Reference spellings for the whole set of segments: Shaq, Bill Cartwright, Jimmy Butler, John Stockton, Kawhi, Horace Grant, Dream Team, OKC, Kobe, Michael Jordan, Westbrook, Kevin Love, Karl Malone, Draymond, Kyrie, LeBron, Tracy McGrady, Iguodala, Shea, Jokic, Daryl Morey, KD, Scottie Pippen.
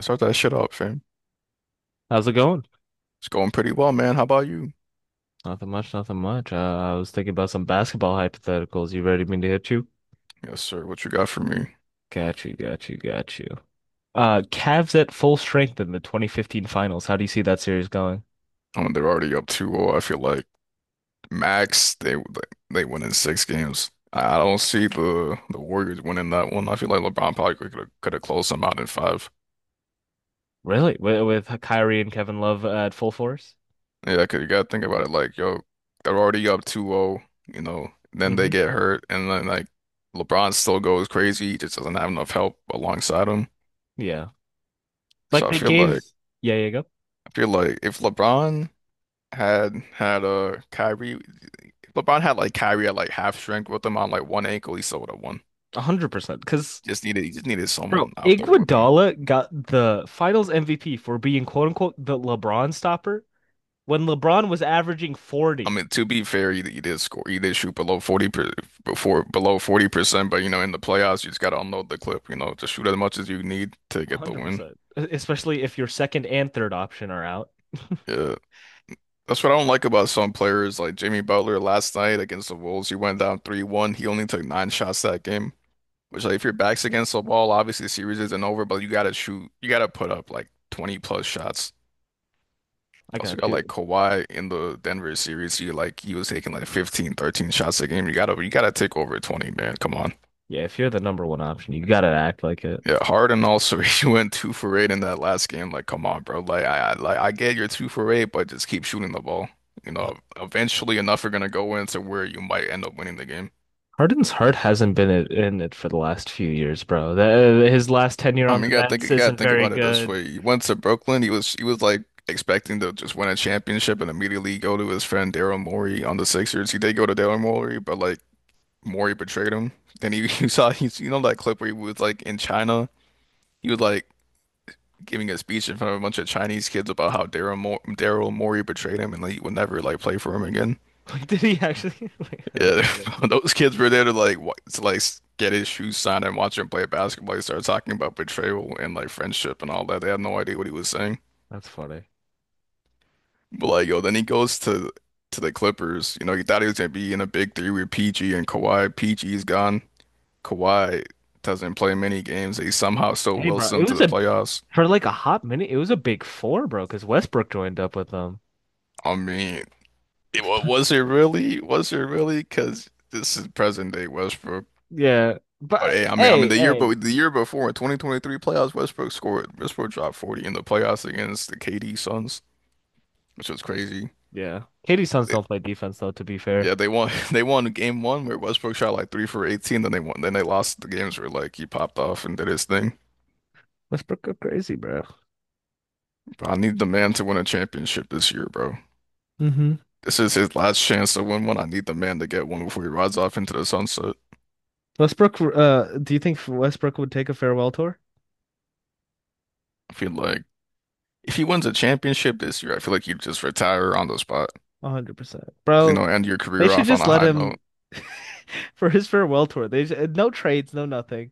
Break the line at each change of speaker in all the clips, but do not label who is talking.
Start that shit up, fam.
How's it going?
It's going pretty well, man. How about you?
Nothing much, nothing much. I was thinking about some basketball hypotheticals. You ready for me to hit you?
Yes, sir. What you got for me?
Got you, got you, got you. Cavs at full strength in the 2015 finals. How do you see that series going?
I They're already up 2-0. I feel like max they win in six games. I don't see the Warriors winning that one. I feel like LeBron probably could have closed them out in five.
Really? With Kyrie and Kevin Love at full force?
Yeah, 'cause you gotta think about it. Like, yo, they're already up 2-0. You know, then they
Hmm.
get hurt, and then like LeBron still goes crazy. He just doesn't have enough help alongside him.
Yeah. Like
So I
they
feel
gave,
like
yeah, yeah, go.
I feel like if LeBron had had Kyrie LeBron had like Kyrie at like half strength with him on like one ankle. He still would have won.
100%. Because,
Just needed He just needed
bro,
someone out there with him.
Iguodala got the finals MVP for being quote unquote the LeBron stopper when LeBron was averaging
I
40.
mean, to be fair, he did score. He did shoot below 40%. But you know, in the playoffs, you just gotta unload the clip. You know, just shoot as much as you need to
one
get the
hundred
win.
percent. Especially if your second and third option are out.
Yeah, that's what I don't like about some players like Jimmy Butler last night against the Wolves. He went down 3-1. He only took nine shots that game. Which like if your back's against the wall, obviously the series isn't over. But you gotta shoot. You gotta put up like 20 plus shots. You
I
also
got
got
you.
like Kawhi in the Denver series. He was taking like 15, 13 shots a game. You gotta take over 20, man. Come on.
Yeah, if you're the number one option, you gotta act like it.
Yeah, Harden also he went two for eight in that last game. Like, come on, bro. Like like I get you're two for eight, but just keep shooting the ball. You know, eventually enough are gonna go into where you might end up winning the game.
Harden's heart hasn't been in it for the last few years, bro. His last tenure
I
on
mean, you
the
gotta think
Nets
you gotta
isn't
think
very
about it this
good.
way. He went to Brooklyn. He was like expecting to just win a championship and immediately go to his friend Daryl Morey on the Sixers. He did go to Daryl Morey, but like Maury betrayed him. Then he you saw he's you know that clip where he was like in China, he was like giving a speech in front of a bunch of Chinese kids about how Daryl Morey betrayed him and like, he would never like play for him again.
Like, did he actually? Like, that's
Yeah,
funny.
those kids were there to get his shoes signed and watch him play basketball. He started talking about betrayal and like friendship and all that. They had no idea what he was saying.
That's funny.
But like yo, then he goes to the Clippers. You know, he thought he was gonna be in a big three with PG and Kawhi. PG's gone. Kawhi doesn't play many games. He somehow still
Hey,
wills
bro, it
them to
was
the
a
playoffs.
for like a hot minute. It was a big four, bro, because Westbrook joined up with them.
I mean, Was it really? Was it really? Because this is present day Westbrook.
Yeah, but
But hey,
hey, hey,
the year before in 2023 playoffs, Westbrook scored. Westbrook dropped 40 in the playoffs against the KD Suns, which was crazy.
yeah. Katie's sons
They,
don't play defense though. To be fair,
yeah, they won. They won game one where Westbrook shot like three for 18. Then they won. Then they lost the games where like he popped off and did his thing.
Westbrook go crazy, bro.
But I need the man to win a championship this year, bro.
Hmm.
This is his last chance to win one. I need the man to get one before he rides off into the sunset.
Do you think Westbrook would take a farewell tour?
I feel like if he wins a championship this year, I feel like you just retire on the spot.
100%.
'Cause, you
Bro,
know, end your
they
career
should
off on
just
a
let
high note.
him for his farewell tour. They No trades, no nothing.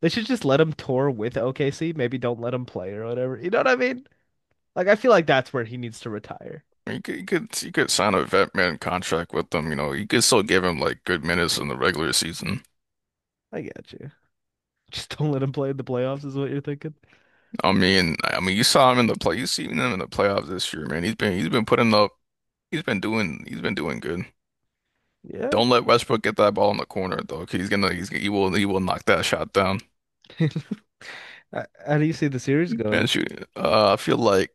They should just let him tour with OKC. Maybe don't let him play or whatever. You know what I mean? Like I feel like that's where he needs to retire.
I mean, you could sign a vet man contract with them. You know, you could still give him like good minutes in the regular season.
I get you. Just don't let him play in the playoffs is what you're thinking.
I mean, you saw him in the play. You seen him in the playoffs this year, man. He's been putting up. He's been doing good.
Yeah.
Don't let Westbrook get that ball in the corner, though. 'Cause He's gonna, he's, he will knock that shot down.
How do you see the series
Man,
going?
shoot. I feel like.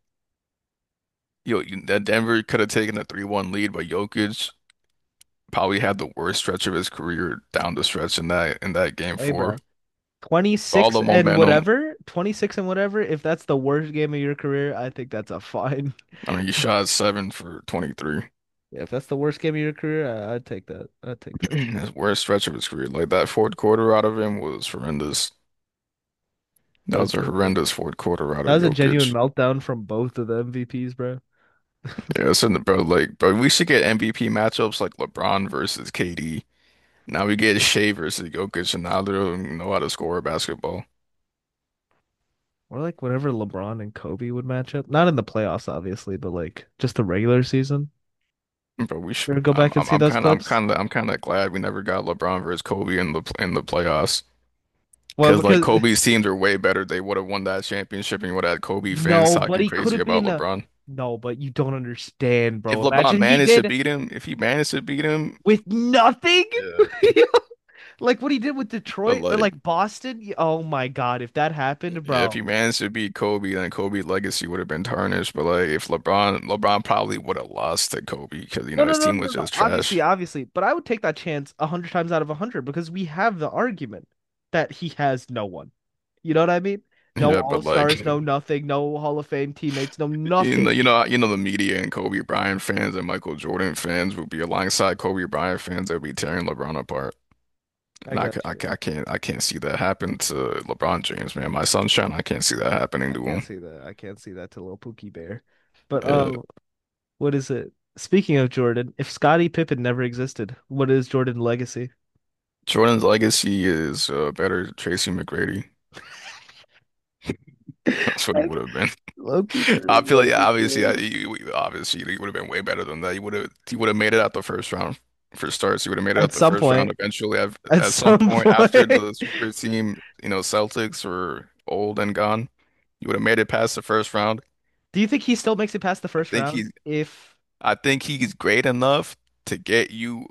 Yo, that Denver could have taken a 3-1 lead, but Jokic probably had the worst stretch of his career down the stretch in that game
Hey,
four.
bro.
All
26
the
and
momentum.
whatever, 26 and whatever. If that's the worst game of your career, I think that's a fine.
I mean, he shot seven for 23.
Yeah, if that's the worst game of your career, I'd take that. I'd take that.
His worst stretch of his career. Like that fourth quarter out of him was horrendous. That
That's
was a
genuine.
horrendous fourth quarter out
That
of
was a genuine
Jokic.
meltdown from both of the MVPs, bro.
Yeah, it's in the bro. Like, but we should get MVP matchups like LeBron versus KD. Now we get Shea versus Jokic, and now they don't even know how to score a basketball.
Or like whenever LeBron and Kobe would match up. Not in the playoffs, obviously, but like just the regular season.
But we
You
should.
ever go back and see those clips?
I'm kind of glad we never got LeBron versus Kobe in the playoffs.
Well,
Because like
because
Kobe's teams are way better. They would have won that championship and you would have had Kobe fans
no, but
talking
he could
crazy
have
about
been a,
LeBron.
no, but you don't understand,
If
bro.
LeBron
Imagine he
managed to
did
beat him, if he managed to beat him,
with nothing.
yeah.
Like what he did with
But
Detroit or
like,
like Boston. Oh my God, if that
yeah,
happened,
if
bro.
he managed to beat Kobe, then Kobe's legacy would have been tarnished. But like, if LeBron probably would have lost to Kobe because you
No,
know
no,
his
no,
team
no, no.
was
No.
just
Obviously,
trash.
obviously, but I would take that chance a hundred times out of a hundred because we have the argument that he has no one. You know what I mean? No
Yeah. But
All-Stars, no
like.
nothing, no Hall of Fame teammates, no
In the
nothing.
you know, the media and Kobe Bryant fans and Michael Jordan fans would be alongside Kobe Bryant fans that would be tearing LeBron apart,
I
and I, ca-
got
I,
you.
ca- I can't, I can't see that happen to LeBron James, man. My sunshine, I can't see that happening
I
to
can't
him.
see that. I can't see that to little Pookie Bear. But
Yeah.
um, what is it? Speaking of Jordan, if Scottie Pippen never existed, what is Jordan's legacy?
Jordan's legacy is better Tracy McGrady. That's what he would have been.
Low-key
I
true,
feel like
low-key
yeah, obviously, yeah,
true.
obviously you would have been way better than that. You would have made it out the first round for starts. You would have made it
At
out the
some
first
point,
round eventually. At,
at
at some
some
point after
point.
the super team, you know, Celtics were old and gone. You would have made it past the first round.
Do you think he still makes it past the
I
first
think
round?
he's
If
I think he's great enough to get you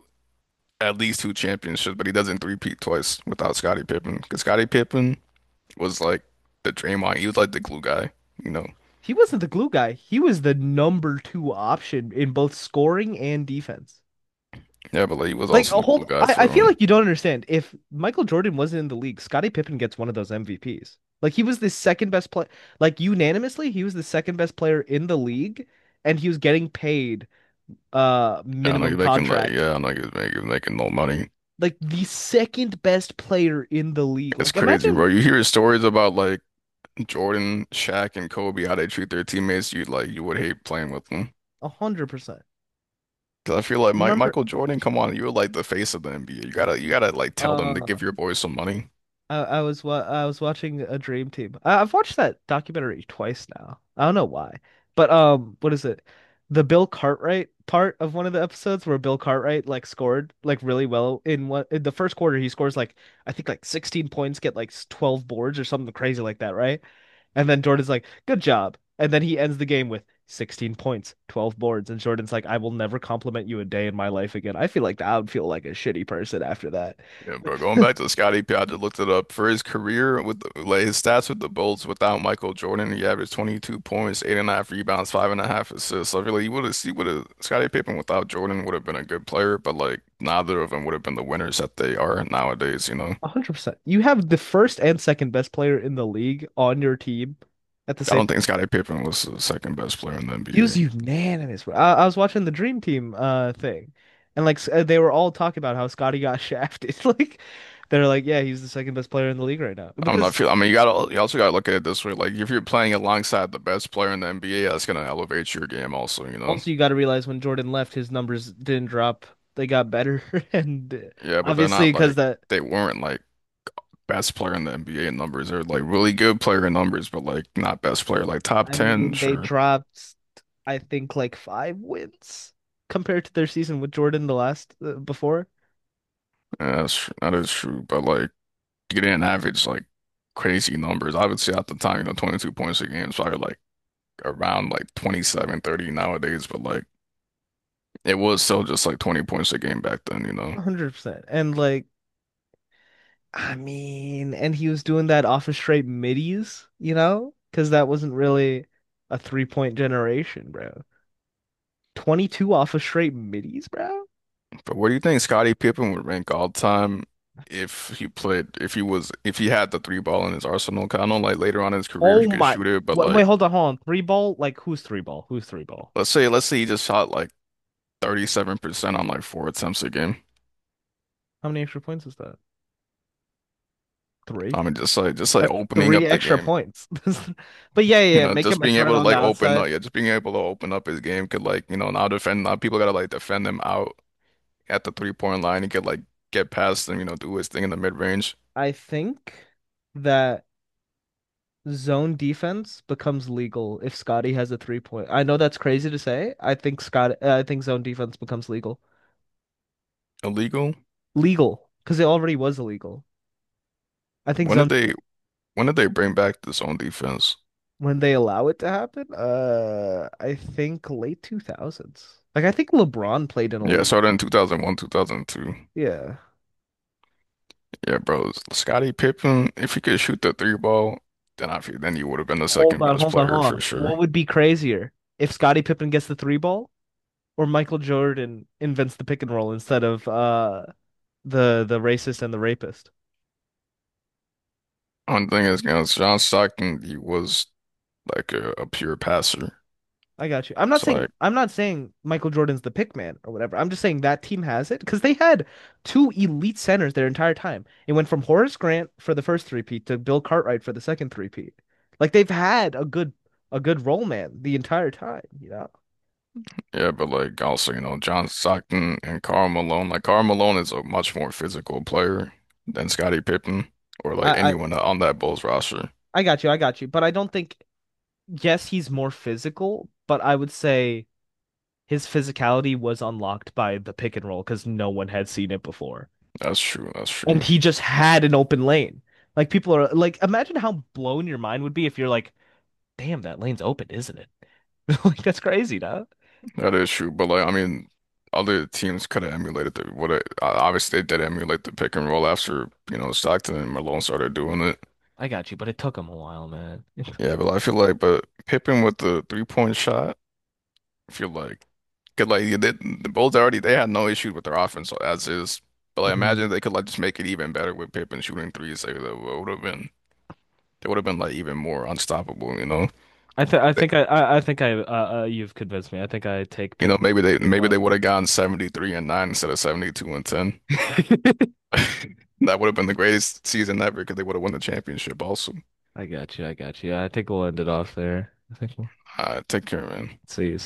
at least two championships, but he doesn't three-peat twice without Scottie Pippen because Scottie Pippen was like the Draymond. He was like the glue guy, you know.
he wasn't the glue guy, he was the number two option in both scoring and defense.
Yeah, but like he was
Like,
also
a
the
hold,
glue guy
I
for
feel like you don't understand. If Michael Jordan wasn't in the league, Scottie Pippen gets one of those MVPs. Like, he was the second best player, like, unanimously, he was the second best player in the league, and he was getting paid
I don't know,
minimum
making like,
contract.
yeah, I don't know, making no money.
Like, the second best player in the league.
It's
Like,
crazy,
imagine
bro. You hear stories about like Jordan, Shaq, and Kobe, how they treat their teammates. You would hate playing with them.
100%.
Because I feel like Mike,
Remember,
Michael Jordan, come on, you're like the face of the NBA. You gotta like tell them to
uh,
give your boys some money.
I was watching a Dream Team. I've watched that documentary twice now. I don't know why, but what is it? The Bill Cartwright part of one of the episodes where Bill Cartwright like scored like really well in the first quarter he scores like I think like 16 points, get like 12 boards or something crazy like that, right? And then Jordan's like, "Good job," and then he ends the game with 16 points, 12 boards, and Jordan's like, "I will never compliment you a day in my life again." I feel like I would feel like a shitty person after that.
Yeah, bro. Going back to the Scottie Pippen, I just looked it up. For his career like his stats with the Bulls without Michael Jordan, he averaged 22 points, eight and a half rebounds, five and a half assists. So I like you would have seen what a Scottie Pippen without Jordan would have been a good player, but like neither of them would have been the winners that they are nowadays, you know.
100%. You have the first and second best player in the league on your team at the
I
same
don't think
time.
Scottie Pippen was the second best player in the
He was
NBA.
unanimous. I was watching the Dream Team thing, and like they were all talking about how Scotty got shafted. Like they're like, yeah, he's the second best player in the league right now.
I'm not
Because
feel I mean you also gotta look at it this way. Like if you're playing alongside the best player in the NBA, that's gonna elevate your game also, you know.
also you got to realize when Jordan left, his numbers didn't drop. They got better, and
Yeah, but
obviously because that.
they weren't like best player in the NBA in numbers. They're like really good player in numbers, but like not best player. Like top
I
10,
mean, they
sure.
dropped. I think like five wins compared to their season with Jordan the last before.
Yeah, that is true. But like you didn't average like crazy numbers. I would say at the time, you know, 22 points a game is probably like around like 27, 30 nowadays. But like it was still just like 20 points a game back then, you know.
100%. And like, I mean, and he was doing that off of straight middies, you know? Because that wasn't really a three point generation, bro. 22 off of straight middies, bro?
But where do you think Scottie Pippen would rank all time? If he played, if he was, if he had the three ball in his arsenal, 'cause I know like later on in his career
Oh
he could
my.
shoot it, but
Wait, wait,
like
hold on, hold on. Three ball? Like, who's three ball? Who's three ball?
let's say he just shot like 37% on like four attempts a game.
How many extra points is that?
I
Three?
mean, just like
That's
opening
three
up the
extra
game,
points. But yeah, yeah,
you
yeah,
know,
make him a threat on the outside.
just being able to open up his game could like, you know, now people gotta like defend him out at the 3-point line. He could like get past them, you know, do his thing in the mid range.
I think that zone defense becomes legal if Scotty has a three point. I know that's crazy to say. I think I think zone defense becomes legal.
Illegal.
Legal, because it already was illegal. I think
When did
zone
they
defense,
when did they bring back the zone defense?
when they allow it to happen, I think late 2000s. Like I think LeBron played in a
Yeah, it
league.
started in 2001, 2002.
Yeah.
Yeah, bro, Scottie Pippen, if he could shoot the three ball, then I feel then he would have been the
Hold
second
on,
best
hold on,
player
hold
for
on. What
sure.
would be crazier if Scottie Pippen gets the three ball or Michael Jordan invents the pick and roll instead of the racist and the rapist?
One thing is, you know, John Stockton, he was like a pure passer.
I got you.
It's like,
I'm not saying Michael Jordan's the pick man or whatever. I'm just saying that team has it because they had two elite centers their entire time. It went from Horace Grant for the first three-peat to Bill Cartwright for the second three-peat. Like they've had a good role man the entire time, you know.
yeah, but like also, you know, John Stockton and Karl Malone. Like Karl Malone is a much more physical player than Scottie Pippen or like
I I,
anyone on that Bulls roster.
I got you. I got you. But I don't think yes, he's more physical, but I would say his physicality was unlocked by the pick and roll because no one had seen it before.
That's true. That's true.
And he just had an open lane. Like people are like, imagine how blown your mind would be if you're like, damn, that lane's open, isn't it? Like that's crazy, dog.
That is true. But like, I mean, other teams could have emulated obviously they did emulate the pick and roll after, you know, Stockton and Malone started doing it.
I got you, but it took him a while, man.
Yeah, but I feel like, but Pippen with the 3-point shot. I feel like, cause like the Bulls already they had no issues with their offense so as is, but like imagine
Mhm.
if they could like just make it even better with Pippen shooting threes. Like that would have been they would have been like even more unstoppable. You know,
I
they,
think I think I you've convinced me. I think I take
you know
Pippin with the three
maybe they
point.
would have gotten 73-9 instead of 72-10. That would have been the greatest season ever because they would have won the championship also.
I got you. I got you. I think we'll end it off there. I think we'll
Take care, man.
see you.